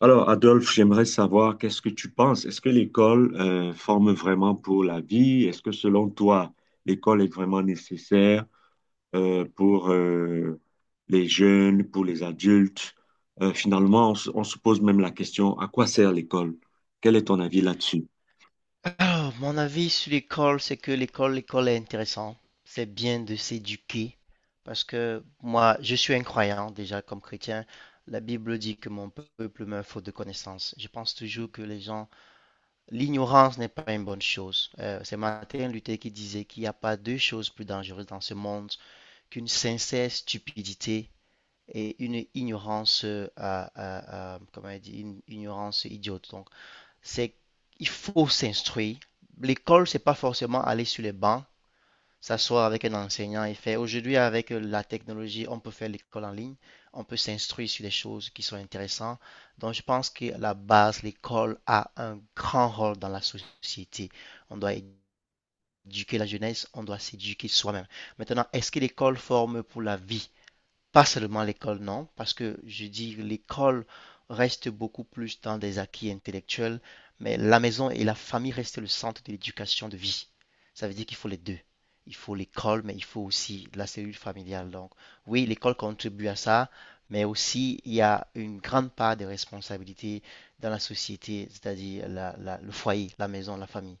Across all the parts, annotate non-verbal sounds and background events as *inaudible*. Alors, Adolphe, j'aimerais savoir qu'est-ce que tu penses? Est-ce que l'école forme vraiment pour la vie? Est-ce que selon toi, l'école est vraiment nécessaire pour les jeunes, pour les adultes? Finalement, on se pose même la question, à quoi sert l'école? Quel est ton avis là-dessus? Ah, mon avis sur l'école, c'est que l'école est intéressante. C'est bien de s'éduquer parce que moi, je suis un croyant déjà comme chrétien. La Bible dit que mon peuple meurt faute de connaissances. Je pense toujours que les gens, l'ignorance n'est pas une bonne chose. C'est Martin Luther qui disait qu'il n'y a pas deux choses plus dangereuses dans ce monde qu'une sincère stupidité et une ignorance, comment il dit, une ignorance idiote. Donc, c'est qu'il faut s'instruire. L'école, c'est pas forcément aller sur les bancs, s'asseoir avec un enseignant et faire. Aujourd'hui, avec la technologie, on peut faire l'école en ligne, on peut s'instruire sur des choses qui sont intéressantes. Donc, je pense que la base, l'école a un grand rôle dans la société. On doit éduquer la jeunesse, on doit s'éduquer soi-même. Maintenant, est-ce que l'école forme pour la vie? Pas seulement l'école, non, parce que je dis l'école reste beaucoup plus dans des acquis intellectuels, mais la maison et la famille restent le centre de l'éducation de vie. Ça veut dire qu'il faut les deux. Il faut l'école, mais il faut aussi la cellule familiale. Donc, oui, l'école contribue à ça, mais aussi il y a une grande part de responsabilité dans la société, c'est-à-dire le foyer, la maison, la famille.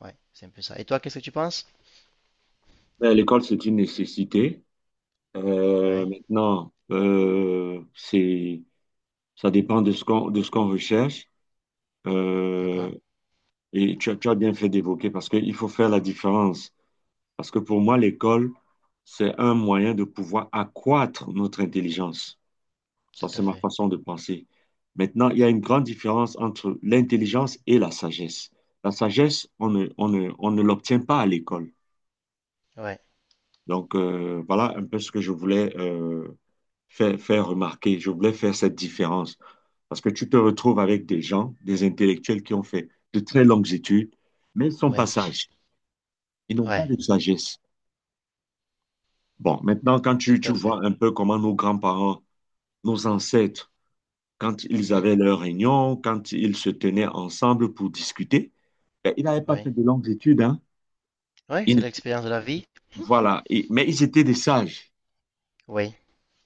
Ouais, c'est un peu ça. Et toi, qu'est-ce que tu penses? Ben, l'école, c'est une nécessité. Ouais, Maintenant, c'est, ça dépend de ce qu'on recherche. d'accord, Euh, et tu as bien fait d'évoquer parce qu'il faut faire la différence. Parce que pour moi, l'école, c'est un moyen de pouvoir accroître notre intelligence. Ça, tout à c'est ma fait. façon de penser. Maintenant, il y a une grande différence entre l'intelligence et la sagesse. La sagesse, on ne l'obtient pas à l'école. Ouais, Donc, voilà un peu ce que je voulais faire, faire remarquer. Je voulais faire cette différence. Parce que tu te retrouves avec des gens, des intellectuels qui ont fait de très longues études, mais ils sont pas ouais, sages. *laughs* Ils n'ont pas ouais, de sagesse. Bon, maintenant, quand tout tu à fait. vois un peu comment nos grands-parents, nos ancêtres, quand ils Mhm. avaient leurs réunions, quand ils se tenaient ensemble pour discuter, ben, ils n'avaient pas Oui. fait de longues études, hein. Oui, c'est Ils- l'expérience de la vie. voilà. Et mais ils étaient des sages. Oui,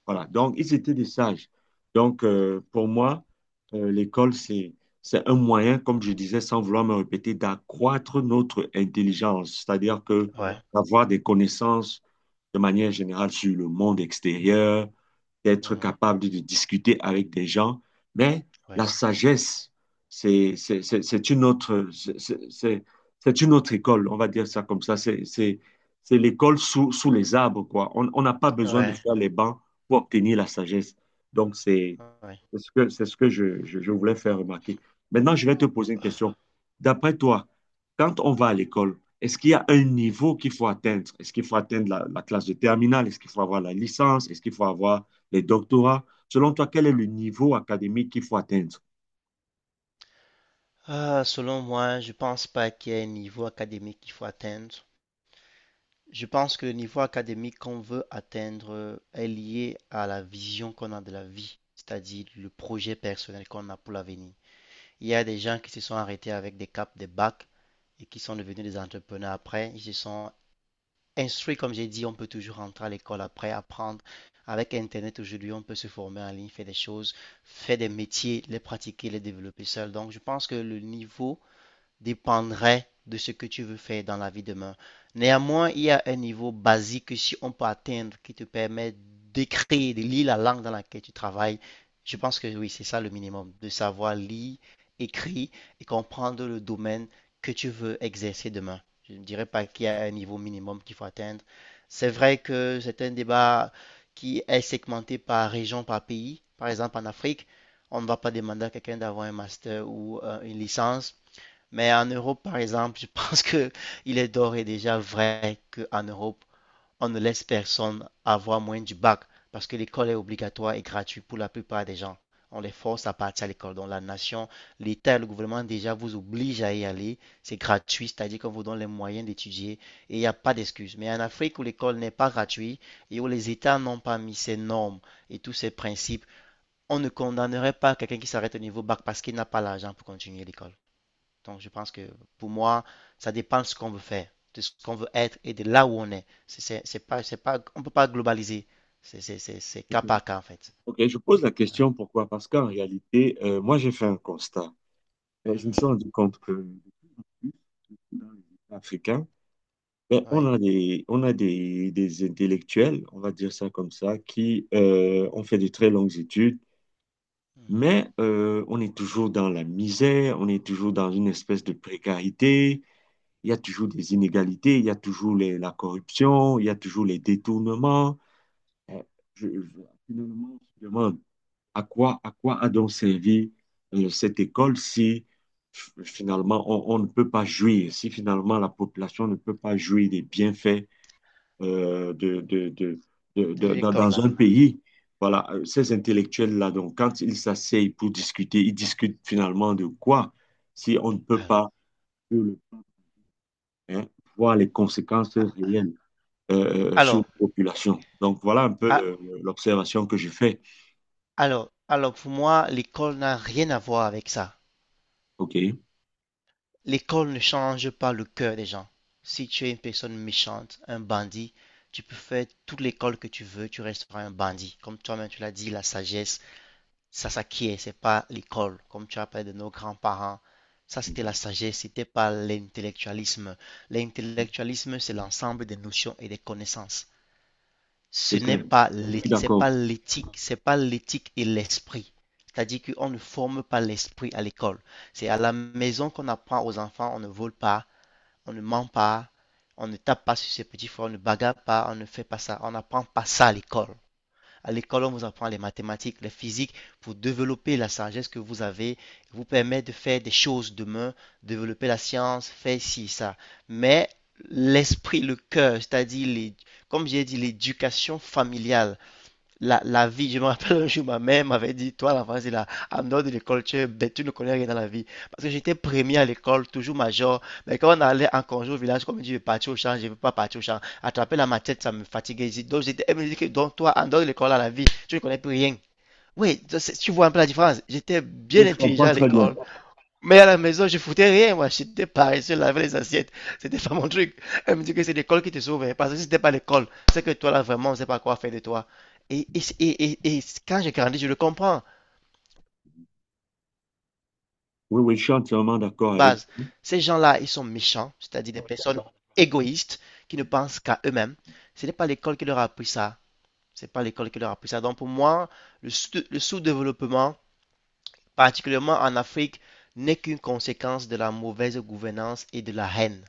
Voilà, donc ils étaient des sages. Donc, pour moi, l'école, c'est un moyen, comme je disais, sans vouloir me répéter, d'accroître notre intelligence, c'est-à-dire que ouais. d'avoir des connaissances de manière générale sur le monde extérieur, Mhm, d'être mhm. capable de discuter avec des gens, mais la Oui, sagesse, c'est une autre, c'est une autre école, on va dire ça comme ça. C'est l'école sous les arbres, quoi. On n'a pas besoin de ouais, faire les bancs pour obtenir la sagesse. Donc, c'est ouais. C'est ce que je voulais faire remarquer. Maintenant, je vais te poser une question. D'après toi, quand on va à l'école, est-ce qu'il y a un niveau qu'il faut atteindre? Est-ce qu'il faut atteindre la classe de terminale? Est-ce qu'il faut avoir la licence? Est-ce qu'il faut avoir les doctorats? Selon toi, quel est le niveau académique qu'il faut atteindre? Ah, selon moi, je pense pas qu'il y ait un niveau académique qu'il faut atteindre. Je pense que le niveau académique qu'on veut atteindre est lié à la vision qu'on a de la vie, c'est-à-dire le projet personnel qu'on a pour l'avenir. Il y a des gens qui se sont arrêtés avec des caps, des bacs et qui sont devenus des entrepreneurs après. Ils se sont instruit, comme j'ai dit, on peut toujours rentrer à l'école après, apprendre. Avec Internet aujourd'hui, on peut se former en ligne, faire des choses, faire des métiers, les pratiquer, les développer seul. Donc, je pense que le niveau dépendrait de ce que tu veux faire dans la vie demain. Néanmoins, il y a un niveau basique que si on peut atteindre qui te permet d'écrire, de lire la langue dans laquelle tu travailles. Je pense que oui, c'est ça le minimum, de savoir lire, écrire et comprendre le domaine que tu veux exercer demain. Je ne dirais pas qu'il y a un niveau minimum qu'il faut atteindre. C'est vrai que c'est un débat qui est segmenté par région, par pays. Par exemple, en Afrique, on ne va pas demander à quelqu'un d'avoir un master ou une licence, mais en Europe, par exemple, je *laughs* pense que il est d'ores et déjà vrai qu'en Europe, on ne laisse personne avoir moins du bac parce que l'école est obligatoire et gratuite pour la plupart des gens. On les force à partir à l'école. Donc la nation, l'État et le gouvernement déjà vous obligent à y aller. C'est gratuit, c'est-à-dire qu'on vous donne les moyens d'étudier et il n'y a pas d'excuse. Mais en Afrique où l'école n'est pas gratuite et où les États n'ont pas mis ces normes et tous ces principes, on ne condamnerait pas quelqu'un qui s'arrête au niveau bac parce qu'il n'a pas l'argent pour continuer l'école. Donc, je pense que pour moi, ça dépend de ce qu'on veut faire, de ce qu'on veut être et de là où on est. C'est pas, on ne peut pas globaliser. C'est Ok. cas par cas, en fait. Ok, je pose la Ouais. question pourquoi? Parce qu'en réalité, moi, j'ai fait un constat. Je me suis Mhm. rendu compte que dans les États africains, ben, Ouais. Des intellectuels, on va dire ça comme ça, qui ont fait de très longues études, Mhm. mais on est toujours dans la misère, on est toujours dans une espèce de précarité, il y a toujours des inégalités, il y a toujours la corruption, il y a toujours les détournements. Euh, je- je- Finalement, on se demande à quoi a donc servi cette école si finalement on ne peut pas jouir, si finalement la population ne peut pas jouir des bienfaits euh, de, de- de- dans L'école, là. un pays. Voilà, ces intellectuels-là, donc, quand ils s'asseyent pour discuter, ils discutent finalement de quoi? Si on ne peut Ah. pas euh, hein, voir les conséquences réelles sur la Alors, population. Donc, voilà un peu ah, l'observation que je fais. alors, pour moi, l'école n'a rien à voir avec ça. OK. L'école ne change pas le cœur des gens. Si tu es une personne méchante, un bandit, tu peux faire toute l'école que tu veux, tu resteras un bandit. Comme toi-même, tu l'as dit, la sagesse. Ça s'acquiert, c'est pas l'école, comme tu appelles de nos grands-parents. Ça, c'était la Mhm. sagesse, c'était pas l'intellectualisme. L'intellectualisme, c'est l'ensemble des notions et des connaissances. Ce C'est n'est clair. pas Je suis d'accord. pas l'éthique, c'est pas l'éthique et l'esprit. C'est-à-dire qu'on ne forme pas l'esprit à l'école. C'est à la maison qu'on apprend aux enfants, on ne vole pas, on ne ment pas, on ne tape pas sur ses petits frères, on ne bagarre pas, on ne fait pas ça, on n'apprend pas ça à l'école. À l'école, on vous apprend les mathématiques, les physiques pour développer la sagesse que vous avez, vous permet de faire des choses demain, développer la science, faire ci, ça. Mais l'esprit, le cœur, c'est-à-dire, comme j'ai dit, l'éducation familiale, la vie, je me rappelle un jour, ma mère m'avait dit, toi, la phrase, là, en dehors de l'école, tu, es bête, tu ne connais rien dans la vie. Parce que j'étais premier à l'école, toujours major. Mais quand on allait en congé au village, comme je dis, je vais partir au champ, je ne veux pas partir au champ. Attraper la machette, ça me fatiguait. Donc, j'étais, elle me dit que, donc, toi, en dehors de l'école, à la vie, tu ne connais plus rien. Oui, ça, c'est- tu vois un peu la différence. J'étais bien Oui, je intelligent comprends à très bien. l'école. Mais à la maison, je foutais rien, moi. J'étais paresseux, laver les assiettes. C'était pas mon truc. Elle me dit que c'est l'école qui te sauve, hein. Parce que si c'était pas l'école, c'est que toi, là, vraiment, on sait pas quoi faire de toi. Et quand j'ai grandi, je le comprends. Oui, oui, je suis entièrement d'accord avec. Base, ces gens-là, ils sont méchants, c'est-à-dire des personnes égoïstes qui ne pensent qu'à eux-mêmes. Ce n'est pas l'école qui leur a appris ça. C'est pas l'école qui leur a appris ça. Donc, pour moi, le sous-développement, particulièrement en Afrique, n'est qu'une conséquence de la mauvaise gouvernance et de la haine,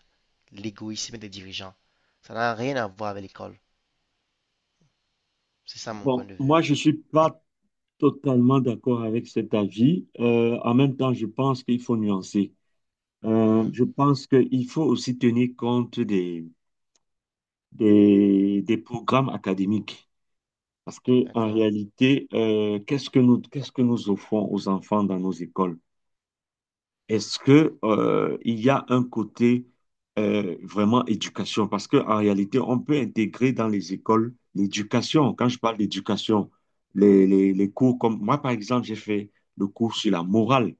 l'égoïsme des dirigeants. Ça n'a rien à voir avec l'école. C'est ça mon point Bon, de vue. moi, je ne suis pas totalement d'accord avec cet avis. En même temps, je pense qu'il faut nuancer. Mhm. Je pense qu'il faut aussi tenir compte des programmes académiques. Parce que, en D'accord. réalité, qu'est-ce que nous offrons aux enfants dans nos écoles? Est-ce que, il y a un côté, vraiment éducation? Parce que, en réalité, on peut intégrer dans les écoles l'éducation. Quand je parle d'éducation, les cours comme, moi, par exemple, j'ai fait le cours sur la morale,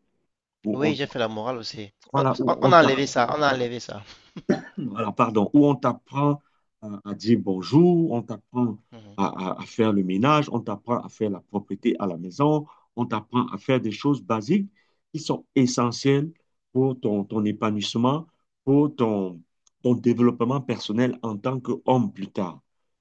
où Oui, j'ai fait la morale aussi. Voilà, où on On a t'a enlevé ça, on a enlevé ça. alors pardon, où on t'apprend à dire bonjour, on t'apprend Mhm. à, à faire le ménage, on t'apprend à faire la propreté à la maison, on t'apprend à faire des choses basiques qui sont essentielles pour ton épanouissement, pour ton, ton développement personnel en tant qu'homme plus tard.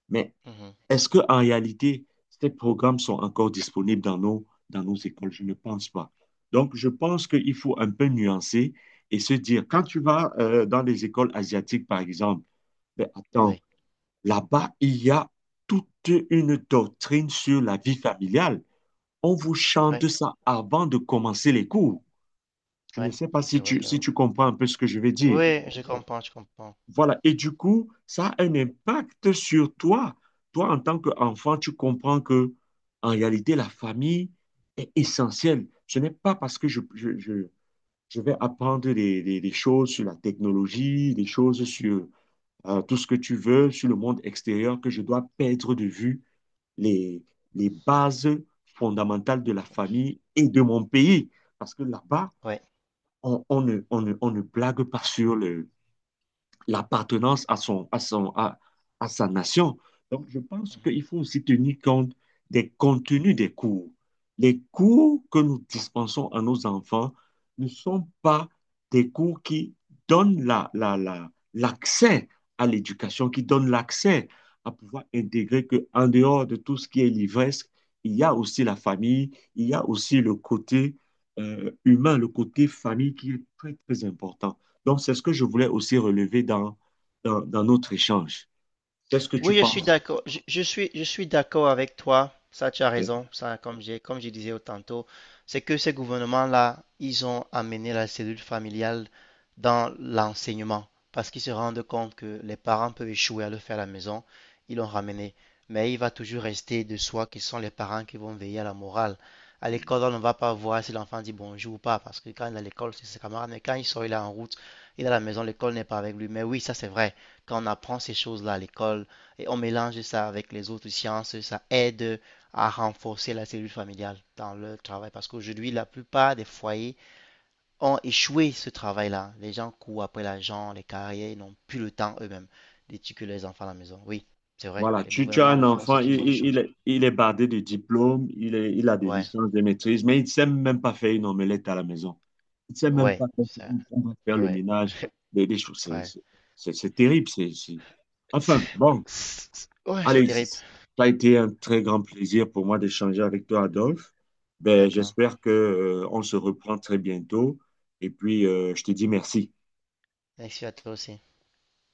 Mais Mhm. est-ce que en réalité, ces programmes sont encore disponibles dans dans nos écoles? Je ne pense pas. Donc, je pense qu'il faut un peu nuancer et se dire, quand tu vas dans les écoles asiatiques, par exemple, ben, attends, Oui, là-bas, il y a toute une doctrine sur la vie familiale. On vous chante ouais, ça avant de commencer les cours. Je ne ouais, sais pas ça c'est si vrai quand si même. tu comprends un peu ce que je veux dire. Oui, je comprends, je comprends. Voilà. Et du coup, ça a un impact sur toi. Toi, en tant qu'enfant, tu comprends que, en réalité, la famille est essentielle. Ce n'est pas parce que je vais apprendre des choses sur la technologie, des choses sur tout ce que tu veux, sur le monde extérieur, que je dois perdre de vue les, les bases fondamentales de la famille et de mon pays. Parce que là-bas, Ouais. On ne blague pas sur le l'appartenance à son, à son, à sa nation. Donc, je pense Mhm. qu'il faut aussi tenir compte des contenus des cours. Les cours que nous dispensons à nos enfants ne sont pas des cours qui donnent l'accès à l'éducation, qui donnent l'accès à pouvoir intégrer qu'en dehors de tout ce qui est livresque, il y a aussi la famille, il y a aussi le côté humain, le côté famille qui est très, très important. Donc, c'est ce que je voulais aussi relever dans notre échange. Qu'est-ce que tu Oui, je suis penses? d'accord. Je suis d'accord avec toi. Ça, tu as raison. Ça, comme j'ai, comme je disais tantôt, c'est que ces gouvernements-là, ils ont amené la cellule familiale dans l'enseignement parce qu'ils se rendent compte que les parents peuvent échouer à le faire à la maison. Ils l'ont ramené. Mais il va toujours rester de soi qui sont les parents qui vont veiller à la morale. À l'école, on ne va pas voir si l'enfant dit bonjour ou pas parce que quand il est à l'école, c'est ses camarades. Mais quand il sort, il est en route, il est à la maison, l'école n'est pas avec lui. Mais oui, ça, c'est vrai. Quand on apprend ces choses-là à l'école, et on mélange ça avec les autres sciences, ça aide à renforcer la cellule familiale dans leur travail. Parce qu'aujourd'hui, la plupart des foyers ont échoué ce travail-là. Les gens courent après l'argent, les carrières, ils n'ont plus le temps eux-mêmes d'éduquer les enfants à la maison. Oui, c'est vrai, Voilà, les tu as gouvernements un le font, enfant, c'est une bonne chose. Il est bardé de diplômes, il a des Ouais, licences, des maîtrises, mais il ne sait même pas faire une omelette à la maison. Il ne sait même ouais, pas faire, faire le ouais, ménage, des choses. *laughs* Ouais. C'est terrible. Enfin, bon, Ouais, c'est allez, terrible. ça a été un très grand plaisir pour moi d'échanger avec toi, Adolphe. Ben, D'accord. j'espère que, on se reprend très bientôt. Et puis, je te dis merci. Merci à toi aussi.